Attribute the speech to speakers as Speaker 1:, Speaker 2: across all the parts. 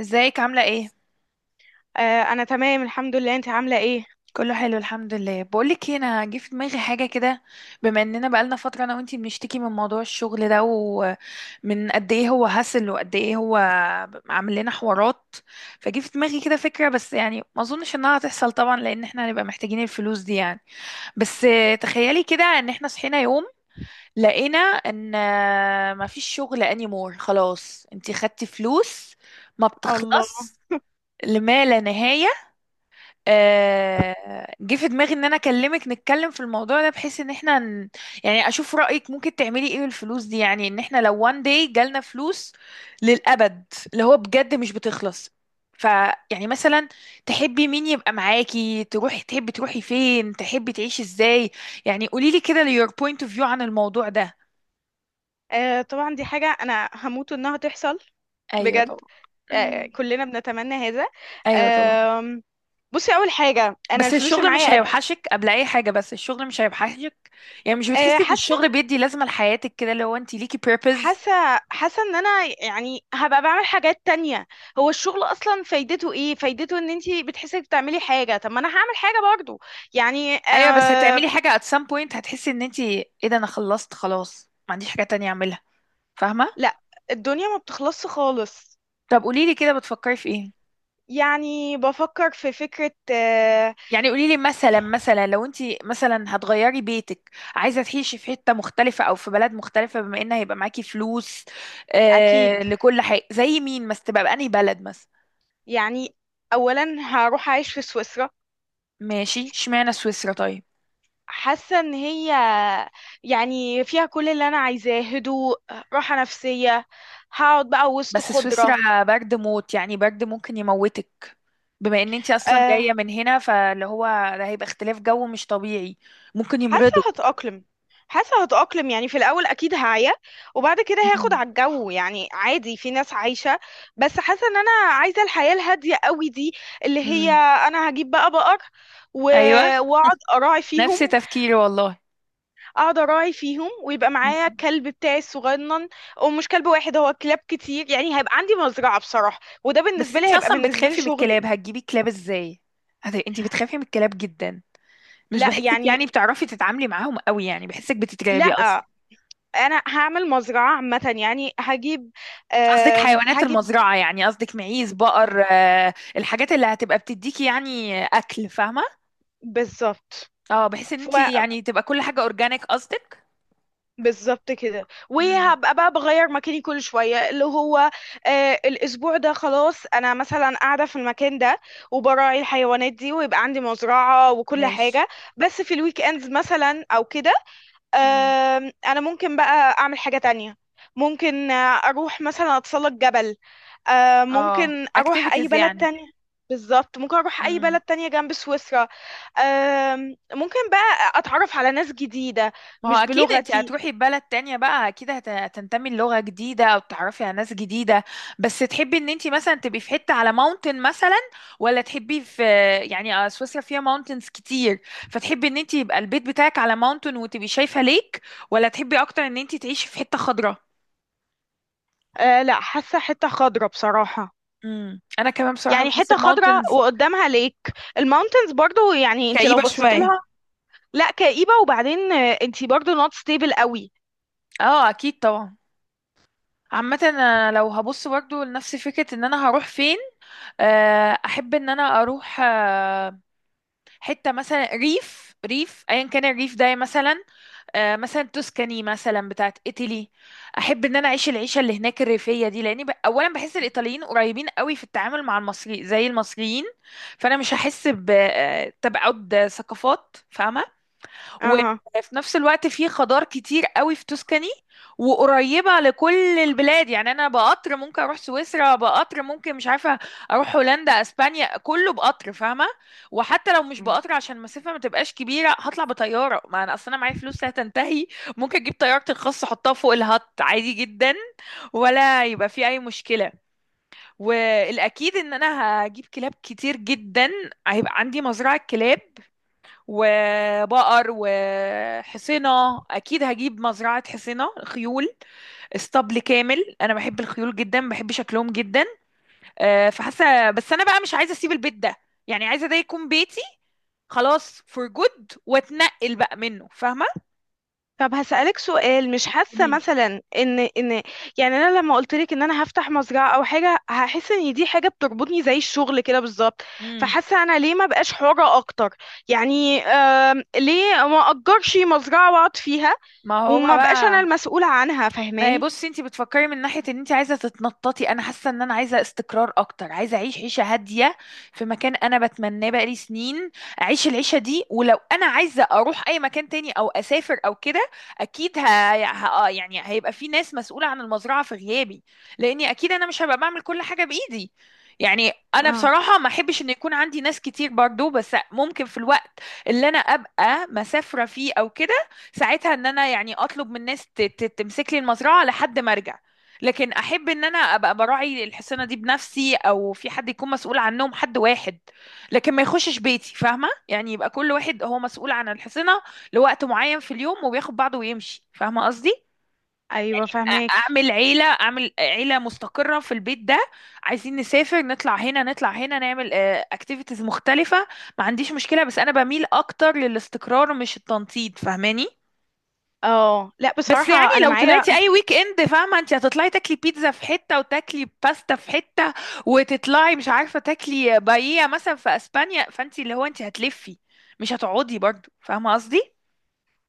Speaker 1: ازيك عاملة ايه؟
Speaker 2: آه، انا تمام الحمد لله، انت عامله ايه؟
Speaker 1: كله حلو الحمد لله، بقولك ايه، انا جه في دماغي حاجة كده. بما اننا بقالنا فترة انا وانتي بنشتكي من موضوع الشغل ده ومن قد ايه هو هسل وقد ايه هو عامل لنا حوارات. فجه في دماغي كده فكرة، بس يعني ما اظنش انها هتحصل طبعا لان احنا هنبقى محتاجين الفلوس دي يعني. بس تخيلي كده ان احنا صحينا يوم لقينا ان مفيش شغل انيمور خلاص، انتي خدتي فلوس ما
Speaker 2: الله.
Speaker 1: بتخلص لما لا نهاية. جه في دماغي ان انا اكلمك نتكلم في الموضوع ده بحيث ان احنا يعني اشوف رأيك ممكن تعملي ايه بالفلوس دي، يعني ان احنا لو one day جالنا فلوس للأبد، اللي هو بجد مش بتخلص. ف يعني مثلا تحبي مين يبقى معاكي، تحبي تروحي فين، تحبي تعيشي ازاي؟ يعني قولي لي كده your point of view عن الموضوع ده.
Speaker 2: آه، طبعا دي حاجه انا هموت انها تحصل.
Speaker 1: ايوه طبعا.
Speaker 2: بجد. آه،
Speaker 1: أمم.
Speaker 2: كلنا بنتمنى هذا.
Speaker 1: ايوه طبعا.
Speaker 2: آه، بصي اول حاجه، انا
Speaker 1: بس
Speaker 2: الفلوس اللي
Speaker 1: الشغل مش
Speaker 2: معايا قد.
Speaker 1: هيوحشك قبل اي حاجه، بس الشغل مش هيوحشك، يعني مش
Speaker 2: آه
Speaker 1: بتحسي ان
Speaker 2: حاسه
Speaker 1: الشغل بيدي لازمه لحياتك كده لو انت ليكي purpose؟
Speaker 2: حاسه حاسه ان انا يعني هبقى بعمل حاجات تانية. هو الشغل اصلا فايدته ايه؟ فايدته ان انت بتحسي إنك بتعملي حاجه، طب ما انا هعمل حاجه برضو يعني
Speaker 1: ايوه بس هتعملي حاجه at some point، هتحسي ان انت ايه ده، انا خلصت خلاص، ما عنديش حاجه تانية اعملها، فاهمه؟
Speaker 2: لا، الدنيا ما بتخلصش خالص.
Speaker 1: طب قولي لي كده بتفكري في ايه؟
Speaker 2: يعني بفكر في فكره
Speaker 1: يعني قولي لي مثلا، لو انت مثلا هتغيري بيتك، عايزه تعيشي في حته مختلفه او في بلد مختلفه، بما ان هيبقى معاكي فلوس
Speaker 2: اكيد،
Speaker 1: لكل حاجه، زي مين بس، تبقى بأنهي بلد مثلا؟
Speaker 2: يعني اولا هروح اعيش في سويسرا.
Speaker 1: ماشي، اشمعنى سويسرا طيب؟
Speaker 2: حاسه ان هي يعني فيها كل اللي انا عايزاه، هدوء، راحه نفسيه، هقعد بقى وسط
Speaker 1: بس
Speaker 2: خضره.
Speaker 1: سويسرا برد موت يعني، برد ممكن يموتك، بما ان انت اصلا
Speaker 2: أه،
Speaker 1: جاية من هنا فاللي هو ده هيبقى اختلاف جو مش طبيعي، ممكن
Speaker 2: حاسه
Speaker 1: يمرضك.
Speaker 2: هتأقلم، حاسه هتأقلم، يعني في الاول اكيد هعيا وبعد كده هاخد
Speaker 1: مم.
Speaker 2: على الجو، يعني عادي، في ناس عايشه. بس حاسه ان انا عايزه الحياه الهاديه قوي دي، اللي هي،
Speaker 1: مم.
Speaker 2: انا هجيب بقى بقر و-
Speaker 1: ايوه.
Speaker 2: واقعد اراعي فيهم،
Speaker 1: نفس تفكيري والله.
Speaker 2: اقعد اراعي فيهم، ويبقى معايا
Speaker 1: مم.
Speaker 2: الكلب بتاعي الصغنن. ومش كلب واحد، هو كلاب كتير، يعني هيبقى عندي مزرعة بصراحة، وده
Speaker 1: بس
Speaker 2: بالنسبة لي
Speaker 1: انت
Speaker 2: هيبقى
Speaker 1: اصلا
Speaker 2: بالنسبة لي
Speaker 1: بتخافي من
Speaker 2: شغلي.
Speaker 1: الكلاب، هتجيبي كلاب ازاي؟ انت بتخافي من الكلاب جدا، مش
Speaker 2: لا
Speaker 1: بحسك
Speaker 2: يعني،
Speaker 1: يعني بتعرفي تتعاملي معاهم قوي، يعني بحسك
Speaker 2: لا،
Speaker 1: بتترعبي اصلا.
Speaker 2: انا هعمل مزرعة عامة، يعني هجيب
Speaker 1: قصدك
Speaker 2: أم،
Speaker 1: حيوانات
Speaker 2: هجيب
Speaker 1: المزرعة يعني، قصدك معيز بقر، الحاجات اللي هتبقى بتديكي يعني اكل، فاهمة؟
Speaker 2: بالظبط،
Speaker 1: اه، بحيث ان انت يعني تبقى كل حاجة اورجانيك قصدك.
Speaker 2: بالظبط كده،
Speaker 1: امم.
Speaker 2: وهبقى بقى بغير مكاني كل شوية اللي هو، الأسبوع ده خلاص أنا مثلا قاعدة في المكان ده وبراعي الحيوانات دي، ويبقى عندي مزرعة وكل
Speaker 1: ماشي.
Speaker 2: حاجة. بس في الويك اندز مثلا أو كده،
Speaker 1: امم.
Speaker 2: أنا ممكن بقى أعمل حاجة تانية. ممكن أروح مثلا أتسلق جبل.
Speaker 1: اه،
Speaker 2: ممكن أروح أي
Speaker 1: اكتيفيتيز
Speaker 2: بلد
Speaker 1: يعني.
Speaker 2: تانية. بالظبط، ممكن أروح أي
Speaker 1: امم.
Speaker 2: بلد تانية جنب سويسرا. ممكن بقى أتعرف على ناس جديدة.
Speaker 1: ما هو
Speaker 2: مش
Speaker 1: اكيد انت
Speaker 2: بلغتي.
Speaker 1: هتروحي بلد تانية بقى، اكيد هتنتمي لغة جديدة او تعرفي على ناس جديدة. بس تحبي ان انت مثلا تبقي في حتة على ماونتن مثلا، ولا تحبي في، يعني سويسرا فيها ماونتنز كتير، فتحبي ان انت يبقى البيت بتاعك على ماونتن وتبقي شايفة ليك، ولا تحبي اكتر ان انت تعيشي في حتة خضراء؟
Speaker 2: لا، حاسة حتة خضرة بصراحة.
Speaker 1: امم، انا كمان بصراحة
Speaker 2: يعني
Speaker 1: بحس
Speaker 2: حتة خضرة
Speaker 1: الماونتنز
Speaker 2: وقدامها ليك الماونتنز برضو، يعني انت لو
Speaker 1: كئيبة
Speaker 2: بصيت لها.
Speaker 1: شوية.
Speaker 2: لا، كئيبة، وبعدين انت برضو نوت ستيبل قوي.
Speaker 1: اه اكيد طبعا. عامة انا لو هبص برضه لنفس فكرة ان انا هروح فين، احب ان انا اروح حتة مثلا ريف، ريف ايا كان الريف ده مثلا، مثلا توسكاني مثلا بتاعت ايطالي. احب ان انا اعيش العيشة اللي هناك الريفية دي لاني اولا بحس الايطاليين قريبين قوي في التعامل مع المصري زي المصريين، فانا مش هحس بتبعد ثقافات، فاهمة؟ وفي
Speaker 2: اها.
Speaker 1: نفس الوقت في خضار كتير قوي في توسكاني، وقريبة لكل البلاد يعني، أنا بقطر ممكن أروح سويسرا، بقطر ممكن مش عارفة أروح هولندا، أسبانيا، كله بقطر فاهمة. وحتى لو مش بقطر عشان المسافة ما تبقاش كبيرة هطلع بطيارة، ما أنا أصلا معايا فلوس لا تنتهي، ممكن أجيب طيارتي الخاصة أحطها فوق الهط عادي جدا، ولا يبقى في أي مشكلة. والأكيد إن أنا هجيب كلاب كتير جدا، هيبقى عندي مزرعة كلاب وبقر وحصنة، أكيد هجيب مزرعة حصنة، خيول، اسطبل كامل، أنا بحب الخيول جدا بحب شكلهم جدا. فحاسة بس أنا بقى مش عايزة أسيب البيت ده، يعني عايزة ده يكون بيتي، خلاص فور جود، واتنقل بقى منه، فاهمة؟
Speaker 2: طب هسألك سؤال، مش حاسة
Speaker 1: قوليلي.
Speaker 2: مثلا ان، يعني انا لما قلت لك ان انا هفتح مزرعة او حاجة، هحس ان دي حاجة بتربطني زي الشغل كده بالظبط.
Speaker 1: امم.
Speaker 2: فحاسة انا ليه ما بقاش حرة اكتر؟ يعني ليه ما اجرش مزرعة واقعد فيها،
Speaker 1: ما هو
Speaker 2: وما بقاش انا
Speaker 1: بقى.
Speaker 2: المسؤولة عنها،
Speaker 1: ما هي
Speaker 2: فاهماني؟
Speaker 1: بصي انت بتفكري من ناحية ان انت عايزة تتنططي، انا حاسة ان انا عايزة استقرار اكتر، عايزة اعيش عيشة هادية في مكان انا بتمناه بقالي سنين، اعيش العيشة دي، ولو انا عايزة اروح اي مكان تاني او اسافر او كده اكيد ه... ه... آه، يعني هيبقى في ناس مسؤولة عن المزرعة في غيابي، لاني اكيد انا مش هبقى بعمل كل حاجة بايدي. يعني انا
Speaker 2: اه.
Speaker 1: بصراحة ما احبش ان يكون عندي ناس كتير برضو، بس ممكن في الوقت اللي انا ابقى مسافرة فيه او كده، ساعتها ان انا يعني اطلب من الناس تمسك لي المزرعه لحد ما ارجع. لكن احب ان انا ابقى براعي الحصانه دي بنفسي، او في حد يكون مسؤول عنهم، حد واحد، لكن ما يخشش بيتي فاهمه، يعني يبقى كل واحد هو مسؤول عن الحصانه لوقت معين في اليوم، وبياخد بعضه ويمشي، فاهمه قصدي؟
Speaker 2: ايوه فهماكي.
Speaker 1: اعمل عيله مستقره في البيت ده، عايزين نسافر نطلع هنا نطلع هنا نعمل اكتيفيتيز مختلفه، ما عنديش مشكله، بس انا بميل اكتر للاستقرار مش التنطيط فاهماني.
Speaker 2: اه، لا،
Speaker 1: بس
Speaker 2: بصراحه
Speaker 1: يعني
Speaker 2: انا
Speaker 1: لو
Speaker 2: معايا،
Speaker 1: طلعتي اي ويك اند فاهمه، انت هتطلعي تاكلي بيتزا في حته وتاكلي باستا في حته، وتطلعي مش عارفه تاكلي بايية مثلا في اسبانيا، فانت اللي هو انت هتلفي، مش هتقعدي برضو فاهمه قصدي؟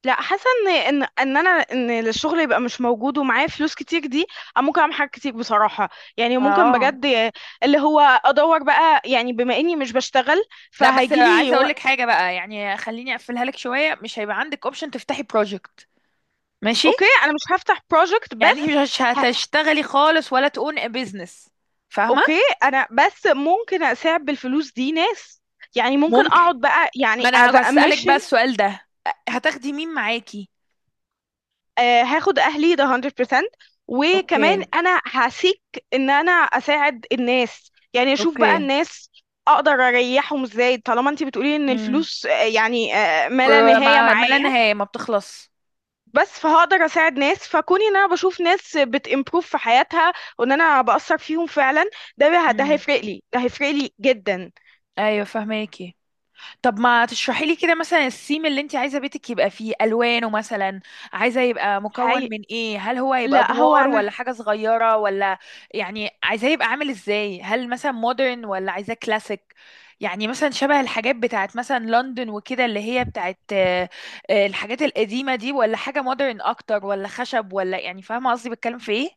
Speaker 2: لا، حاسه ان الشغل يبقى مش موجود ومعايا فلوس كتير دي، أنا ممكن اعمل حاجات كتير بصراحه، يعني ممكن
Speaker 1: اه
Speaker 2: بجد، اللي هو ادور بقى يعني بما اني مش بشتغل،
Speaker 1: لا، بس
Speaker 2: فهيجيلي
Speaker 1: عايزه
Speaker 2: و...
Speaker 1: اقول لك حاجه بقى، يعني خليني اقفلها لك شويه، مش هيبقى عندك اوبشن تفتحي بروجكت. ماشي.
Speaker 2: اوكي، انا مش هفتح بروجكت
Speaker 1: يعني انت
Speaker 2: بس.
Speaker 1: مش
Speaker 2: ه...
Speaker 1: هتشتغلي خالص، ولا تقون بيزنس، فاهمه؟
Speaker 2: اوكي، انا بس ممكن اساعد بالفلوس دي ناس، يعني ممكن
Speaker 1: ممكن.
Speaker 2: اقعد بقى يعني
Speaker 1: ما
Speaker 2: as
Speaker 1: انا
Speaker 2: a
Speaker 1: هسألك بقى
Speaker 2: mission.
Speaker 1: السؤال ده، هتاخدي مين معاكي؟
Speaker 2: هاخد اهلي، ده 100%. وكمان
Speaker 1: اوكي.
Speaker 2: انا هسيك ان انا اساعد الناس، يعني اشوف بقى
Speaker 1: اوكي.
Speaker 2: الناس اقدر اريحهم ازاي، طالما انت بتقولي ان
Speaker 1: مم.
Speaker 2: الفلوس يعني ما لا
Speaker 1: بر-
Speaker 2: نهاية
Speaker 1: ما ما لا
Speaker 2: معايا.
Speaker 1: نهاية، ما بتخلص.
Speaker 2: بس فهقدر اساعد ناس، فكوني ان انا بشوف ناس بتimprove في حياتها، وان انا بأثر فيهم فعلا، ده
Speaker 1: مم.
Speaker 2: هيفرق لي، ده هيفرق لي جدا.
Speaker 1: ايوه فهماكي. طب ما تشرحي لي كده مثلا السيم اللي انت عايزه بيتك يبقى فيه الوانه مثلا، عايزه يبقى مكون
Speaker 2: هي...
Speaker 1: من ايه، هل هو هيبقى
Speaker 2: لا، هو
Speaker 1: ادوار
Speaker 2: انا.
Speaker 1: ولا حاجه صغيره ولا، يعني عايزاه يبقى عامل ازاي، هل مثلا مودرن ولا عايزاه كلاسيك، يعني مثلا شبه الحاجات بتاعت مثلا لندن وكده اللي هي بتاعت الحاجات القديمه دي، ولا حاجه مودرن اكتر، ولا خشب، ولا يعني فاهمه قصدي بتكلم في ايه؟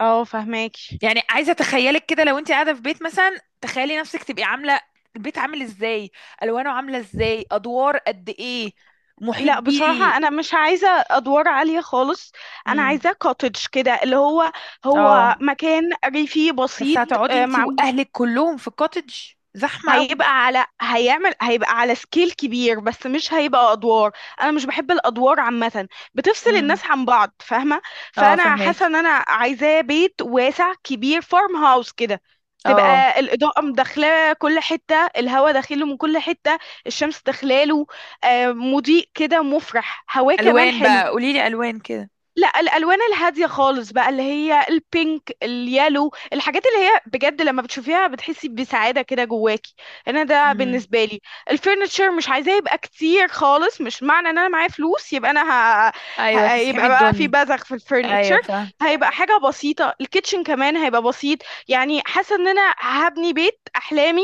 Speaker 2: اه فهماك.
Speaker 1: يعني عايزه اتخيلك كده لو انت قاعده في بيت مثلا، تخيلي نفسك تبقي عامله البيت عامل ازاي، الوانه عامله ازاي، ادوار قد ايه، محيط
Speaker 2: لا،
Speaker 1: بيه.
Speaker 2: بصراحة أنا مش عايزة أدوار عالية خالص. أنا
Speaker 1: امم.
Speaker 2: عايزة كوتج كده، اللي هو
Speaker 1: اه
Speaker 2: مكان ريفي
Speaker 1: بس
Speaker 2: بسيط.
Speaker 1: هتقعدي
Speaker 2: آه،
Speaker 1: انت
Speaker 2: مع
Speaker 1: واهلك كلهم في كوتج؟ زحمه قوي.
Speaker 2: هيبقى على سكيل كبير، بس مش هيبقى أدوار. أنا مش بحب الأدوار عامة، بتفصل
Speaker 1: امم.
Speaker 2: الناس عن بعض، فاهمة؟
Speaker 1: اه
Speaker 2: فأنا حاسة
Speaker 1: فهماكي،
Speaker 2: إن أنا عايزاه بيت واسع كبير، فارم هاوس كده.
Speaker 1: اه.
Speaker 2: تبقى الإضاءة مدخلة كل حتة، الهواء داخله من كل حتة، الشمس داخلاله، مضيء كده، مفرح، هواه كمان
Speaker 1: الوان
Speaker 2: حلو.
Speaker 1: بقى، قولي لي الوان كده.
Speaker 2: لا، الالوان الهاديه خالص بقى، اللي هي البينك، اليالو، الحاجات اللي هي بجد لما بتشوفيها بتحسي بسعاده كده جواكي. انا ده
Speaker 1: امم.
Speaker 2: بالنسبه لي. الفurniture مش عايزاه يبقى كتير خالص، مش معنى ان انا معايا فلوس يبقى انا ه...
Speaker 1: ايوه، تسحمي
Speaker 2: يبقى بقى في
Speaker 1: الدنيا.
Speaker 2: بذخ في
Speaker 1: ايوه
Speaker 2: الفurniture.
Speaker 1: فاهم.
Speaker 2: هيبقى حاجه بسيطه، الكيتشن كمان هيبقى بسيط. يعني حاسه ان انا هبني بيت احلامي،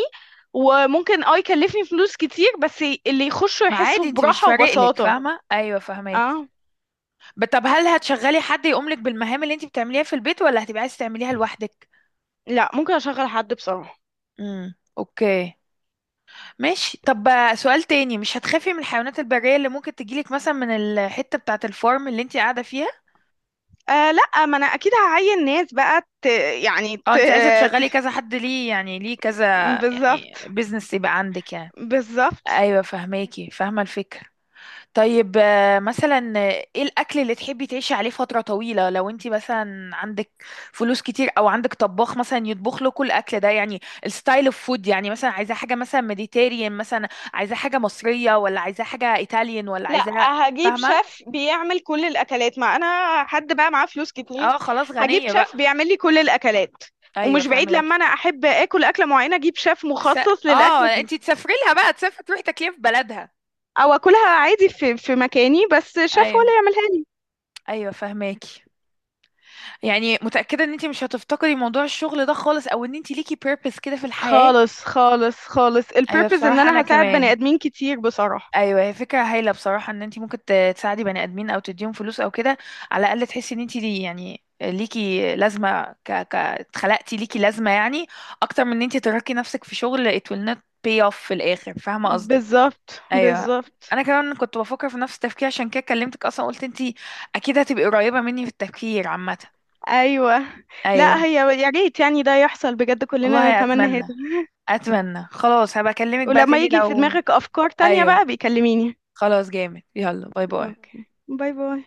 Speaker 2: وممكن يكلفني فلوس كتير، بس اللي يخشوا
Speaker 1: ما
Speaker 2: يحسوا
Speaker 1: عادي، انت مش
Speaker 2: براحه
Speaker 1: فارق لك
Speaker 2: وبساطه.
Speaker 1: فاهمه، ايوه فهماكي.
Speaker 2: اه،
Speaker 1: طب هل هتشغلي حد يقوم لك بالمهام اللي انت بتعمليها في البيت، ولا هتبقي عايزه تعمليها لوحدك؟
Speaker 2: لا، ممكن اشغل حد بصراحه.
Speaker 1: امم، اوكي، ماشي. طب سؤال تاني، مش هتخافي من الحيوانات البرية اللي ممكن تجيلك مثلا من الحتة بتاعة الفارم اللي انت قاعدة فيها؟
Speaker 2: آه، لا، ما انا اكيد هعين ناس بقى يعني
Speaker 1: اه، انت عايزة تشغلي كذا حد، ليه يعني، ليه كذا؟ يعني
Speaker 2: بالظبط،
Speaker 1: بيزنس يبقى عندك يعني.
Speaker 2: بالظبط.
Speaker 1: ايوه فهماكي، فاهمة الفكرة. طيب مثلا ايه الاكل اللي تحبي تعيشي عليه فترة طويلة، لو انت مثلا عندك فلوس كتير او عندك طباخ مثلا يطبخ له كل الاكل ده، يعني الستايل اوف فود، يعني مثلا عايزة حاجة مثلا ميديتيريان، مثلا عايزة حاجة مصرية، ولا عايزة حاجة ايطاليان ولا
Speaker 2: لا،
Speaker 1: عايزة،
Speaker 2: هجيب
Speaker 1: فاهمة؟
Speaker 2: شيف بيعمل كل الاكلات، ما انا حد بقى معاه فلوس كتير،
Speaker 1: اه خلاص
Speaker 2: هجيب
Speaker 1: غنية
Speaker 2: شيف
Speaker 1: بقى.
Speaker 2: بيعمل لي كل الاكلات.
Speaker 1: ايوه
Speaker 2: ومش بعيد لما
Speaker 1: فاهماكي.
Speaker 2: انا احب اكل اكله معينه، اجيب شيف
Speaker 1: س...
Speaker 2: مخصص
Speaker 1: اه،
Speaker 2: للاكله دي.
Speaker 1: انت تسافري لها بقى، تسافري تروحي تاكليها في بلدها.
Speaker 2: او اكلها عادي في مكاني، بس شيف هو
Speaker 1: ايوه.
Speaker 2: اللي يعملها لي.
Speaker 1: ايوه فاهماكي. يعني متأكدة ان انت مش هتفتقدي موضوع الشغل ده خالص، او ان انت ليكي purpose كده في الحياة؟
Speaker 2: خالص، خالص، خالص،
Speaker 1: ايوه
Speaker 2: البيربز ان
Speaker 1: بصراحه انا
Speaker 2: انا هساعد بني
Speaker 1: كمان.
Speaker 2: ادمين كتير بصراحه.
Speaker 1: ايوه هي فكره هايله بصراحه، ان انت ممكن تساعدي بني ادمين او تديهم فلوس او كده، على الاقل تحسي ان انت دي يعني ليكي لازمه، اتخلقتي ليكي لازمه يعني، اكتر من ان انت تركي نفسك في شغل it will not pay off في الاخر، فاهمه قصدك؟
Speaker 2: بالظبط،
Speaker 1: ايوه.
Speaker 2: بالظبط.
Speaker 1: انا كمان كنت بفكر في نفس التفكير عشان كده كلمتك اصلا، قلت انت اكيد هتبقي قريبه مني في التفكير عامه.
Speaker 2: ايوه.
Speaker 1: ايوه.
Speaker 2: لا هي يا ريت يعني ده يحصل بجد، كلنا
Speaker 1: والله
Speaker 2: نتمنى هذا.
Speaker 1: اتمنى، اتمنى، خلاص هبقى اكلمك بقى
Speaker 2: ولما
Speaker 1: تاني
Speaker 2: يجي في
Speaker 1: لو.
Speaker 2: دماغك افكار تانية
Speaker 1: ايوه،
Speaker 2: بقى بيكلميني.
Speaker 1: خلاص جامد، يلا باي باي.
Speaker 2: اوكي، باي باي.